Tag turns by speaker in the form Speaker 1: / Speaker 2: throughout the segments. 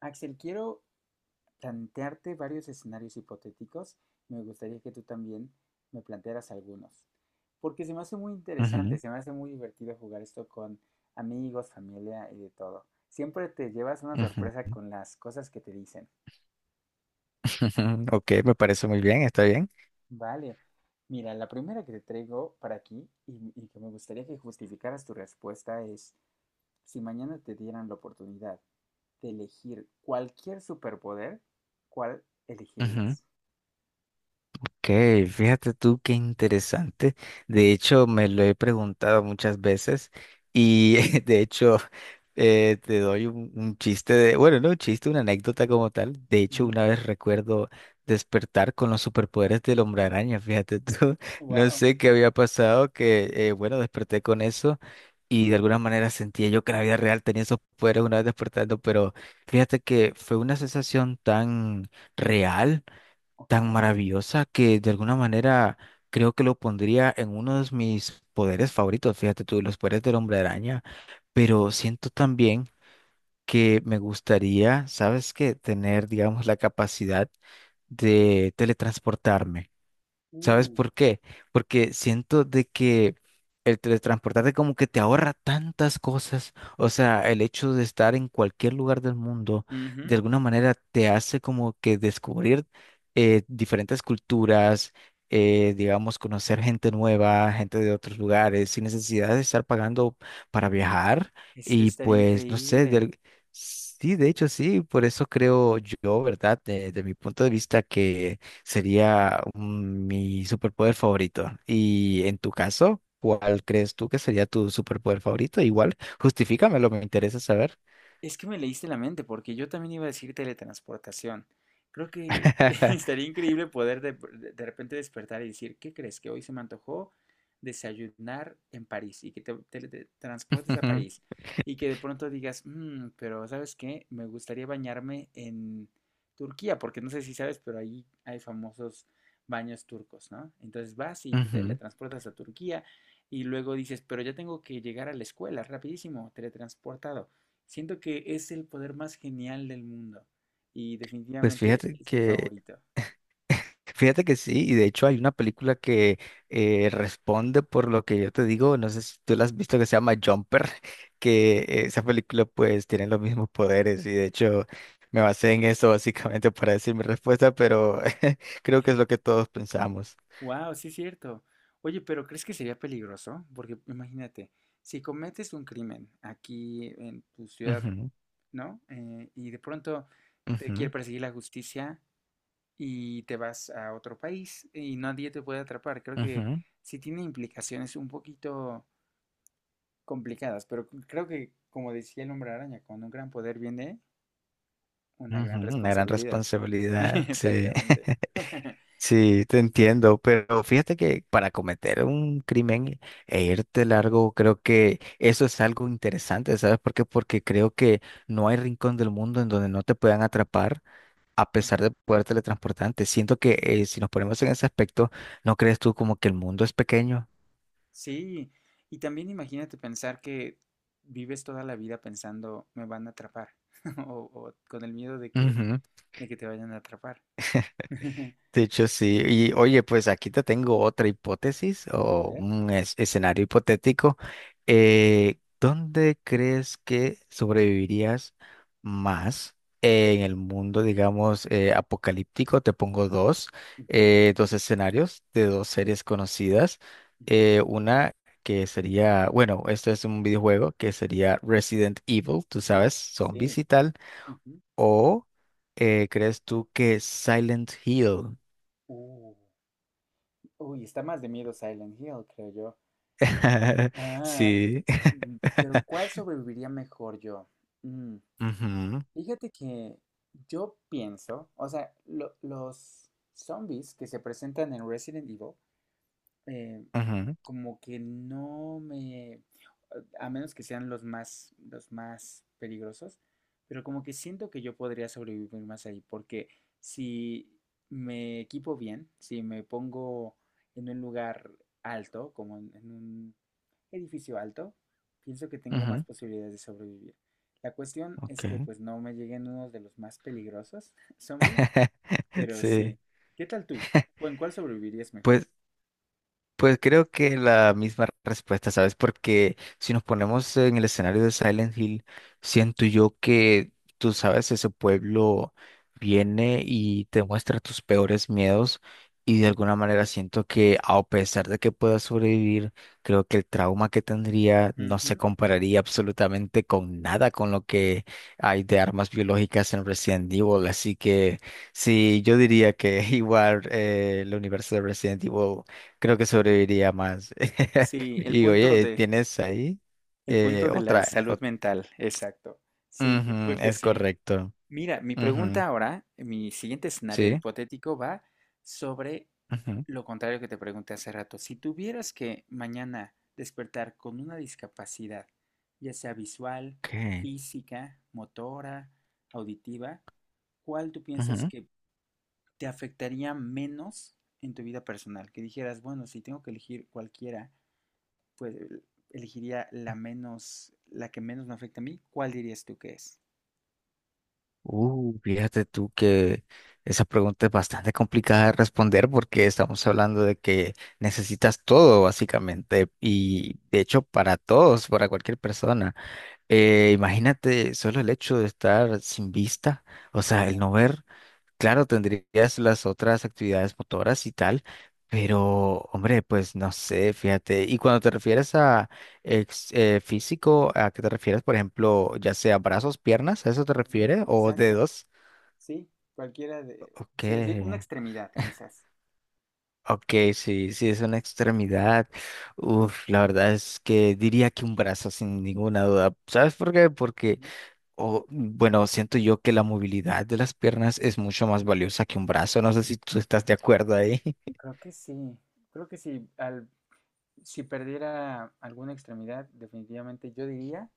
Speaker 1: Axel, quiero plantearte varios escenarios hipotéticos. Me gustaría que tú también me plantearas algunos, porque se me hace muy interesante,
Speaker 2: Ujú,
Speaker 1: se me hace muy divertido jugar esto con amigos, familia y de todo. Siempre te llevas una
Speaker 2: ujú.
Speaker 1: sorpresa con las cosas que te dicen.
Speaker 2: Ok, me parece muy bien, está bien.
Speaker 1: Vale, mira, la primera que te traigo para aquí y que me gustaría que justificaras tu respuesta es, si mañana te dieran la oportunidad de elegir cualquier superpoder, ¿cuál elegirías?
Speaker 2: Ok, fíjate tú qué interesante. De hecho, me lo he preguntado muchas veces y de hecho te doy un chiste de, bueno, no un chiste, una anécdota como tal. De hecho, una vez recuerdo despertar con los superpoderes del hombre araña, fíjate tú. No
Speaker 1: Wow.
Speaker 2: sé qué había pasado, que bueno, desperté con eso y de alguna manera sentía yo que en la vida real tenía esos poderes una vez despertando, pero fíjate que fue una sensación tan real, tan
Speaker 1: Ok.
Speaker 2: maravillosa que de alguna manera creo que lo pondría en uno de mis poderes favoritos, fíjate tú, los poderes del hombre araña, pero siento también que me gustaría, ¿sabes qué? Tener, digamos, la capacidad de teletransportarme. ¿Sabes
Speaker 1: uh,
Speaker 2: por qué? Porque siento de que el teletransportarte como que te ahorra tantas cosas. O sea, el hecho de estar en cualquier lugar del mundo,
Speaker 1: Ujú.
Speaker 2: de alguna manera te hace como que descubrir diferentes culturas, digamos, conocer gente nueva, gente de otros lugares, sin necesidad de estar pagando para viajar.
Speaker 1: Eso
Speaker 2: Y
Speaker 1: estaría
Speaker 2: pues, no sé,
Speaker 1: increíble.
Speaker 2: sí, de hecho sí, por eso creo yo, ¿verdad? de mi punto de vista que... Sería mi superpoder favorito. Y en tu caso, ¿cuál crees tú que sería tu superpoder favorito? Igual, justifícamelo, me interesa saber.
Speaker 1: Es que me leíste la mente, porque yo también iba a decir teletransportación. Creo que estaría increíble poder repente despertar y decir, ¿qué crees? Que hoy se me antojó desayunar en París y que te teletransportes a
Speaker 2: Ujú,
Speaker 1: París y que de pronto digas, "Mm, pero ¿sabes qué? Me gustaría bañarme en Turquía, porque no sé si sabes, pero ahí hay famosos baños turcos, ¿no? Entonces vas y te
Speaker 2: ujú.
Speaker 1: teletransportas a Turquía y luego dices, pero ya tengo que llegar a la escuela rapidísimo, teletransportado. Siento que es el poder más genial del mundo y
Speaker 2: Pues
Speaker 1: definitivamente es mi favorito.
Speaker 2: fíjate que sí, y de hecho hay una película que responde por lo que yo te digo, no sé si tú la has visto, que se llama Jumper, que esa película pues tiene los mismos poderes y de hecho me basé en eso básicamente para decir mi respuesta, pero creo que es lo que todos pensamos.
Speaker 1: Wow, sí es cierto. Oye, pero ¿crees que sería peligroso? Porque imagínate, si cometes un crimen aquí en tu ciudad, ¿no? Y de pronto te quiere
Speaker 2: Ujú,
Speaker 1: perseguir la justicia y te vas a otro país y nadie te puede atrapar. Creo que
Speaker 2: ujú,
Speaker 1: sí tiene implicaciones un poquito complicadas, pero creo que, como decía el hombre araña, con un gran poder viene una
Speaker 2: ujú.
Speaker 1: gran
Speaker 2: Una gran
Speaker 1: responsabilidad.
Speaker 2: responsabilidad, sí.
Speaker 1: Exactamente.
Speaker 2: Sí, te entiendo, pero fíjate que para cometer un crimen e irte largo, creo que eso es algo interesante, ¿sabes por qué? Porque creo que no hay rincón del mundo en donde no te puedan atrapar a
Speaker 1: Ujú.
Speaker 2: pesar de poder teletransportarte. Siento que si nos ponemos en ese aspecto, ¿no crees tú como que el mundo es pequeño?
Speaker 1: Sí, y también imagínate pensar que vives toda la vida pensando, me van a atrapar, o con el miedo de que te vayan a atrapar.
Speaker 2: De hecho,
Speaker 1: Sí, sí, sí.
Speaker 2: sí. Y oye, pues aquí te tengo otra hipótesis
Speaker 1: A
Speaker 2: o
Speaker 1: ver.
Speaker 2: un escenario hipotético. ¿Dónde crees que sobrevivirías más en el mundo, digamos, apocalíptico? Te pongo dos,
Speaker 1: Ujú,
Speaker 2: eh, dos escenarios de dos series conocidas.
Speaker 1: ujú.
Speaker 2: Una que sería, bueno, esto es un videojuego que sería Resident Evil, tú
Speaker 1: Uh,
Speaker 2: sabes,
Speaker 1: sí.
Speaker 2: zombies y tal.
Speaker 1: Ujú.
Speaker 2: O ¿crees tú que Silent Hill?
Speaker 1: Uh, Uy, está más de miedo Silent Hill, creo yo. Ah,
Speaker 2: Sí.
Speaker 1: mm, pero ¿cuál sobreviviría mejor yo? Mm,
Speaker 2: Ujú,
Speaker 1: fíjate que yo pienso, o sea, los zombies que se presentan en Resident Evil eh,
Speaker 2: ujú,
Speaker 1: como que no me, a menos que sean los más peligrosos, pero como que siento que yo podría sobrevivir más ahí, porque si me equipo bien, si me pongo en un lugar alto, como en un edificio alto, pienso que tengo más
Speaker 2: ujú,
Speaker 1: posibilidades de sobrevivir. La cuestión
Speaker 2: ok.
Speaker 1: es que pues no me lleguen unos de los más peligrosos zombies, pero
Speaker 2: Sí.
Speaker 1: sí. ¿Qué tal tú? ¿O en cuál sobrevivirías mejor?
Speaker 2: Pues Pues creo que la misma respuesta, ¿sabes? Porque si nos ponemos en el escenario de Silent Hill, siento yo que, tú sabes, ese pueblo viene y te muestra tus peores miedos y de alguna manera siento que a pesar de que puedas sobrevivir, creo que el trauma que tendría no se
Speaker 1: Ujú.
Speaker 2: compararía absolutamente con nada con lo que hay de armas biológicas en Resident Evil. Así que sí, yo diría que igual el universo de Resident Evil. Creo que sobreviviría más.
Speaker 1: Sí,
Speaker 2: Y oye, ¿tienes ahí
Speaker 1: el punto de la
Speaker 2: otra?
Speaker 1: salud mental, exacto. Sí, yo creo
Speaker 2: Ujú,
Speaker 1: que
Speaker 2: es
Speaker 1: sí.
Speaker 2: correcto.
Speaker 1: Mira, mi pregunta
Speaker 2: Ujú,
Speaker 1: ahora, mi siguiente escenario
Speaker 2: sí.
Speaker 1: hipotético va sobre
Speaker 2: Ujú,
Speaker 1: lo contrario que te pregunté hace rato. Si tuvieras que mañana despertar con una discapacidad, ya sea visual,
Speaker 2: ok,
Speaker 1: física, motora, auditiva, ¿cuál tú piensas
Speaker 2: ujú.
Speaker 1: que te afectaría menos en tu vida personal? Que dijeras, bueno, si tengo que elegir cualquiera, pues elegiría la menos, la que menos me afecta a mí. ¿Cuál dirías tú que es?
Speaker 2: Fíjate tú que esa pregunta es bastante complicada de responder porque estamos hablando de que necesitas todo, básicamente,
Speaker 1: Ujú.
Speaker 2: y de hecho para todos, para cualquier persona. Imagínate solo el hecho de estar sin vista, o sea, el
Speaker 1: Wow.
Speaker 2: no ver. Claro, tendrías las otras actividades motoras y tal, pero hombre, pues no sé, fíjate. Y cuando te refieres a físico, ¿a qué te refieres? Por ejemplo, ya sea brazos, piernas, ¿a eso te
Speaker 1: Ujú,
Speaker 2: refieres? ¿O
Speaker 1: exacto,
Speaker 2: dedos?
Speaker 1: sí, cualquiera de,
Speaker 2: Ok,
Speaker 1: sí, así, una extremidad quizás.
Speaker 2: ok, sí, sí, es una extremidad. Uf, la verdad es que diría que un brazo sin ninguna duda. ¿Sabes por qué? Porque,
Speaker 1: Ujú.
Speaker 2: o bueno, siento yo que la movilidad de las piernas es mucho más valiosa que un brazo. No sé si tú estás de acuerdo ahí.
Speaker 1: Creo que sí, creo que sí, si perdiera alguna extremidad, definitivamente yo diría,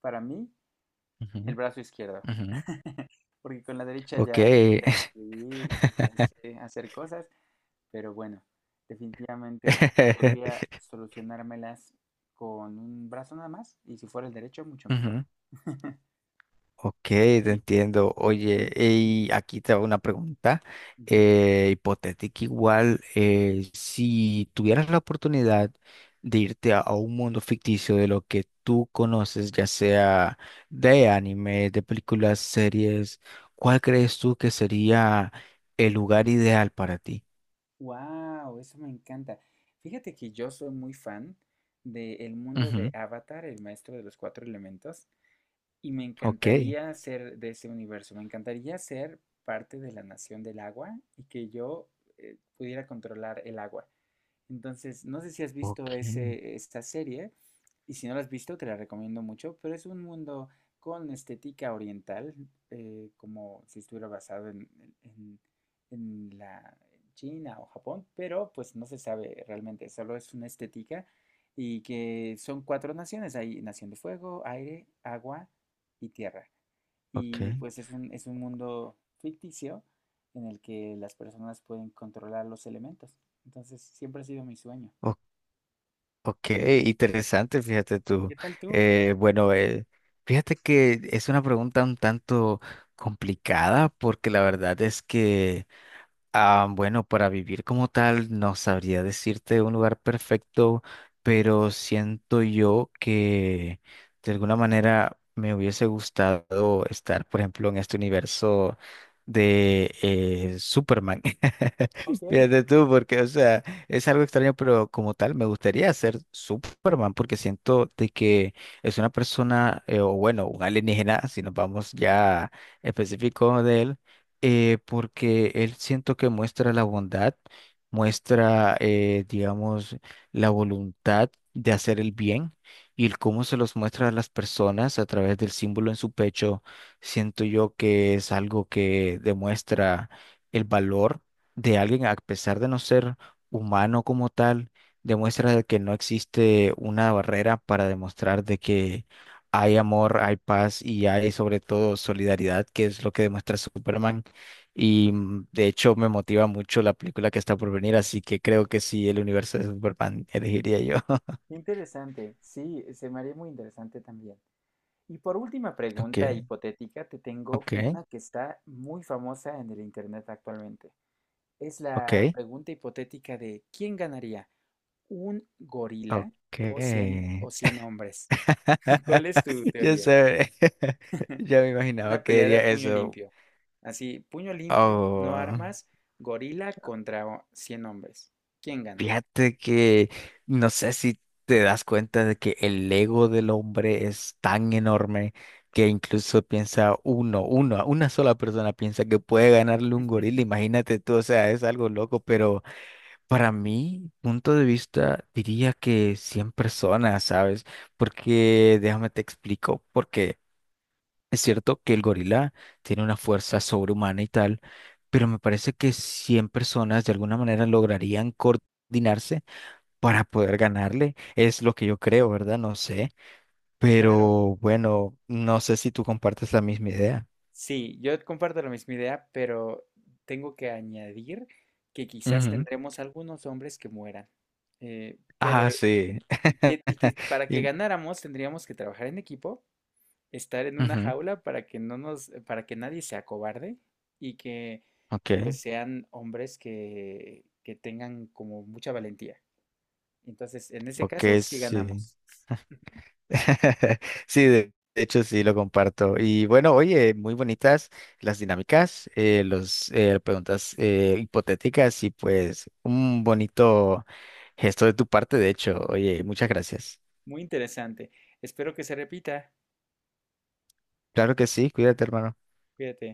Speaker 1: para mí, el brazo izquierdo,
Speaker 2: Ujú,
Speaker 1: porque con la derecha
Speaker 2: ok.
Speaker 1: ya, ya sé escribir y ya sé hacer cosas. Pero bueno, definitivamente creo que podría solucionármelas con un brazo nada más y si fuera el derecho, mucho mejor.
Speaker 2: Ujú. Ok, te
Speaker 1: Sí.
Speaker 2: entiendo. Oye, y aquí te hago una pregunta hipotética igual. Si tuvieras la oportunidad de irte a un mundo ficticio de lo que tú conoces, ya sea de anime, de películas, series, ¿cuál crees tú que sería el lugar ideal para ti?
Speaker 1: Wow, eso me encanta. Fíjate que yo soy muy fan del mundo de
Speaker 2: Ujú.
Speaker 1: Avatar, el maestro de los cuatro elementos, y me
Speaker 2: Ok,
Speaker 1: encantaría ser de ese universo. Me encantaría ser parte de la nación del agua y que yo pudiera controlar el agua. Entonces, no sé si has visto
Speaker 2: ok,
Speaker 1: esta serie, y si no la has visto, te la recomiendo mucho, pero es un mundo con estética oriental, como si estuviera basado en- en la China o Japón, pero pues no se sabe realmente, solo es una estética y que son cuatro naciones, hay nación de fuego, aire, agua y tierra.
Speaker 2: ok,
Speaker 1: Y pues es un mundo ficticio en el que las personas pueden controlar los elementos. Entonces siempre ha sido mi sueño.
Speaker 2: ok. Ok, interesante, fíjate
Speaker 1: ¿Y
Speaker 2: tú.
Speaker 1: qué tal tú?
Speaker 2: Bueno, fíjate que es una pregunta un tanto complicada porque la verdad es que, ah, bueno, para vivir como tal, no sabría decirte un lugar perfecto, pero siento yo que de alguna manera me hubiese gustado estar, por ejemplo, en este universo de Superman.
Speaker 1: Ok, qué
Speaker 2: Fíjate tú, porque, o sea, es algo extraño, pero como tal, me gustaría ser Superman, porque siento de que es una persona, o bueno, un alienígena, si nos vamos ya específico de él, porque él siento que muestra la bondad, muestra, digamos, la voluntad de hacer el bien y el cómo se los muestra a las personas a través del símbolo en su pecho, siento yo que es algo que demuestra el valor de alguien a pesar de no ser humano como tal, demuestra de que no existe una barrera para demostrar de que hay amor, hay paz y hay sobre todo solidaridad, que es lo que demuestra Superman. Y de hecho me motiva mucho la película que está por venir, así que creo que sí, el universo de Superman elegiría yo.
Speaker 1: interesante. Sí, se me haría muy interesante también. Y por última
Speaker 2: Ok,
Speaker 1: pregunta hipotética, te tengo
Speaker 2: ok,
Speaker 1: una que está muy famosa en el internet actualmente. Es
Speaker 2: ok,
Speaker 1: la pregunta hipotética de ¿quién ganaría? ¿Un
Speaker 2: ok.
Speaker 1: gorila o 100 hombres? ¿Cuál es tu
Speaker 2: Ya
Speaker 1: teoría?
Speaker 2: sé. Ya me
Speaker 1: En
Speaker 2: imaginaba
Speaker 1: una
Speaker 2: que
Speaker 1: pelea de
Speaker 2: diría
Speaker 1: puño
Speaker 2: eso.
Speaker 1: limpio. Así, puño limpio, no
Speaker 2: Oh.
Speaker 1: armas, gorila contra 100 hombres. ¿Quién gana?
Speaker 2: Fíjate que no sé si te das cuenta de que el ego del hombre es tan enorme que incluso piensa uno, una sola persona piensa que puede ganarle un gorila. Imagínate tú, o sea, es algo loco, pero para mi punto de vista diría que 100 personas, ¿sabes? Porque déjame te explico, porque es cierto que el gorila tiene una fuerza sobrehumana y tal, pero me parece que 100 personas de alguna manera lograrían coordinarse para poder ganarle. Es lo que yo creo, ¿verdad? No sé.
Speaker 1: Claro.
Speaker 2: Pero bueno, no sé si tú compartes la misma idea.
Speaker 1: Sí, yo comparto la misma idea, pero tengo que añadir que quizás
Speaker 2: Ujú.
Speaker 1: tendremos algunos hombres que mueran. Eh,
Speaker 2: Ah,
Speaker 1: pero,
Speaker 2: sí.
Speaker 1: y que para que
Speaker 2: Y-
Speaker 1: ganáramos tendríamos que trabajar en equipo, estar en una
Speaker 2: Ujú.
Speaker 1: jaula para que no nos, para que nadie sea cobarde y que
Speaker 2: Ok,
Speaker 1: pues sean hombres que tengan como mucha valentía. Entonces, en ese
Speaker 2: ok,
Speaker 1: caso, sí
Speaker 2: sí.
Speaker 1: ganamos.
Speaker 2: Sí,
Speaker 1: Muy bien.
Speaker 2: de hecho sí lo comparto. Y bueno, oye, muy bonitas las dinámicas, los preguntas hipotéticas y pues un bonito gesto de tu parte, de hecho. Oye, muchas gracias.
Speaker 1: Muy interesante. Espero que se repita.
Speaker 2: Claro que sí, cuídate, hermano.
Speaker 1: Cuídate.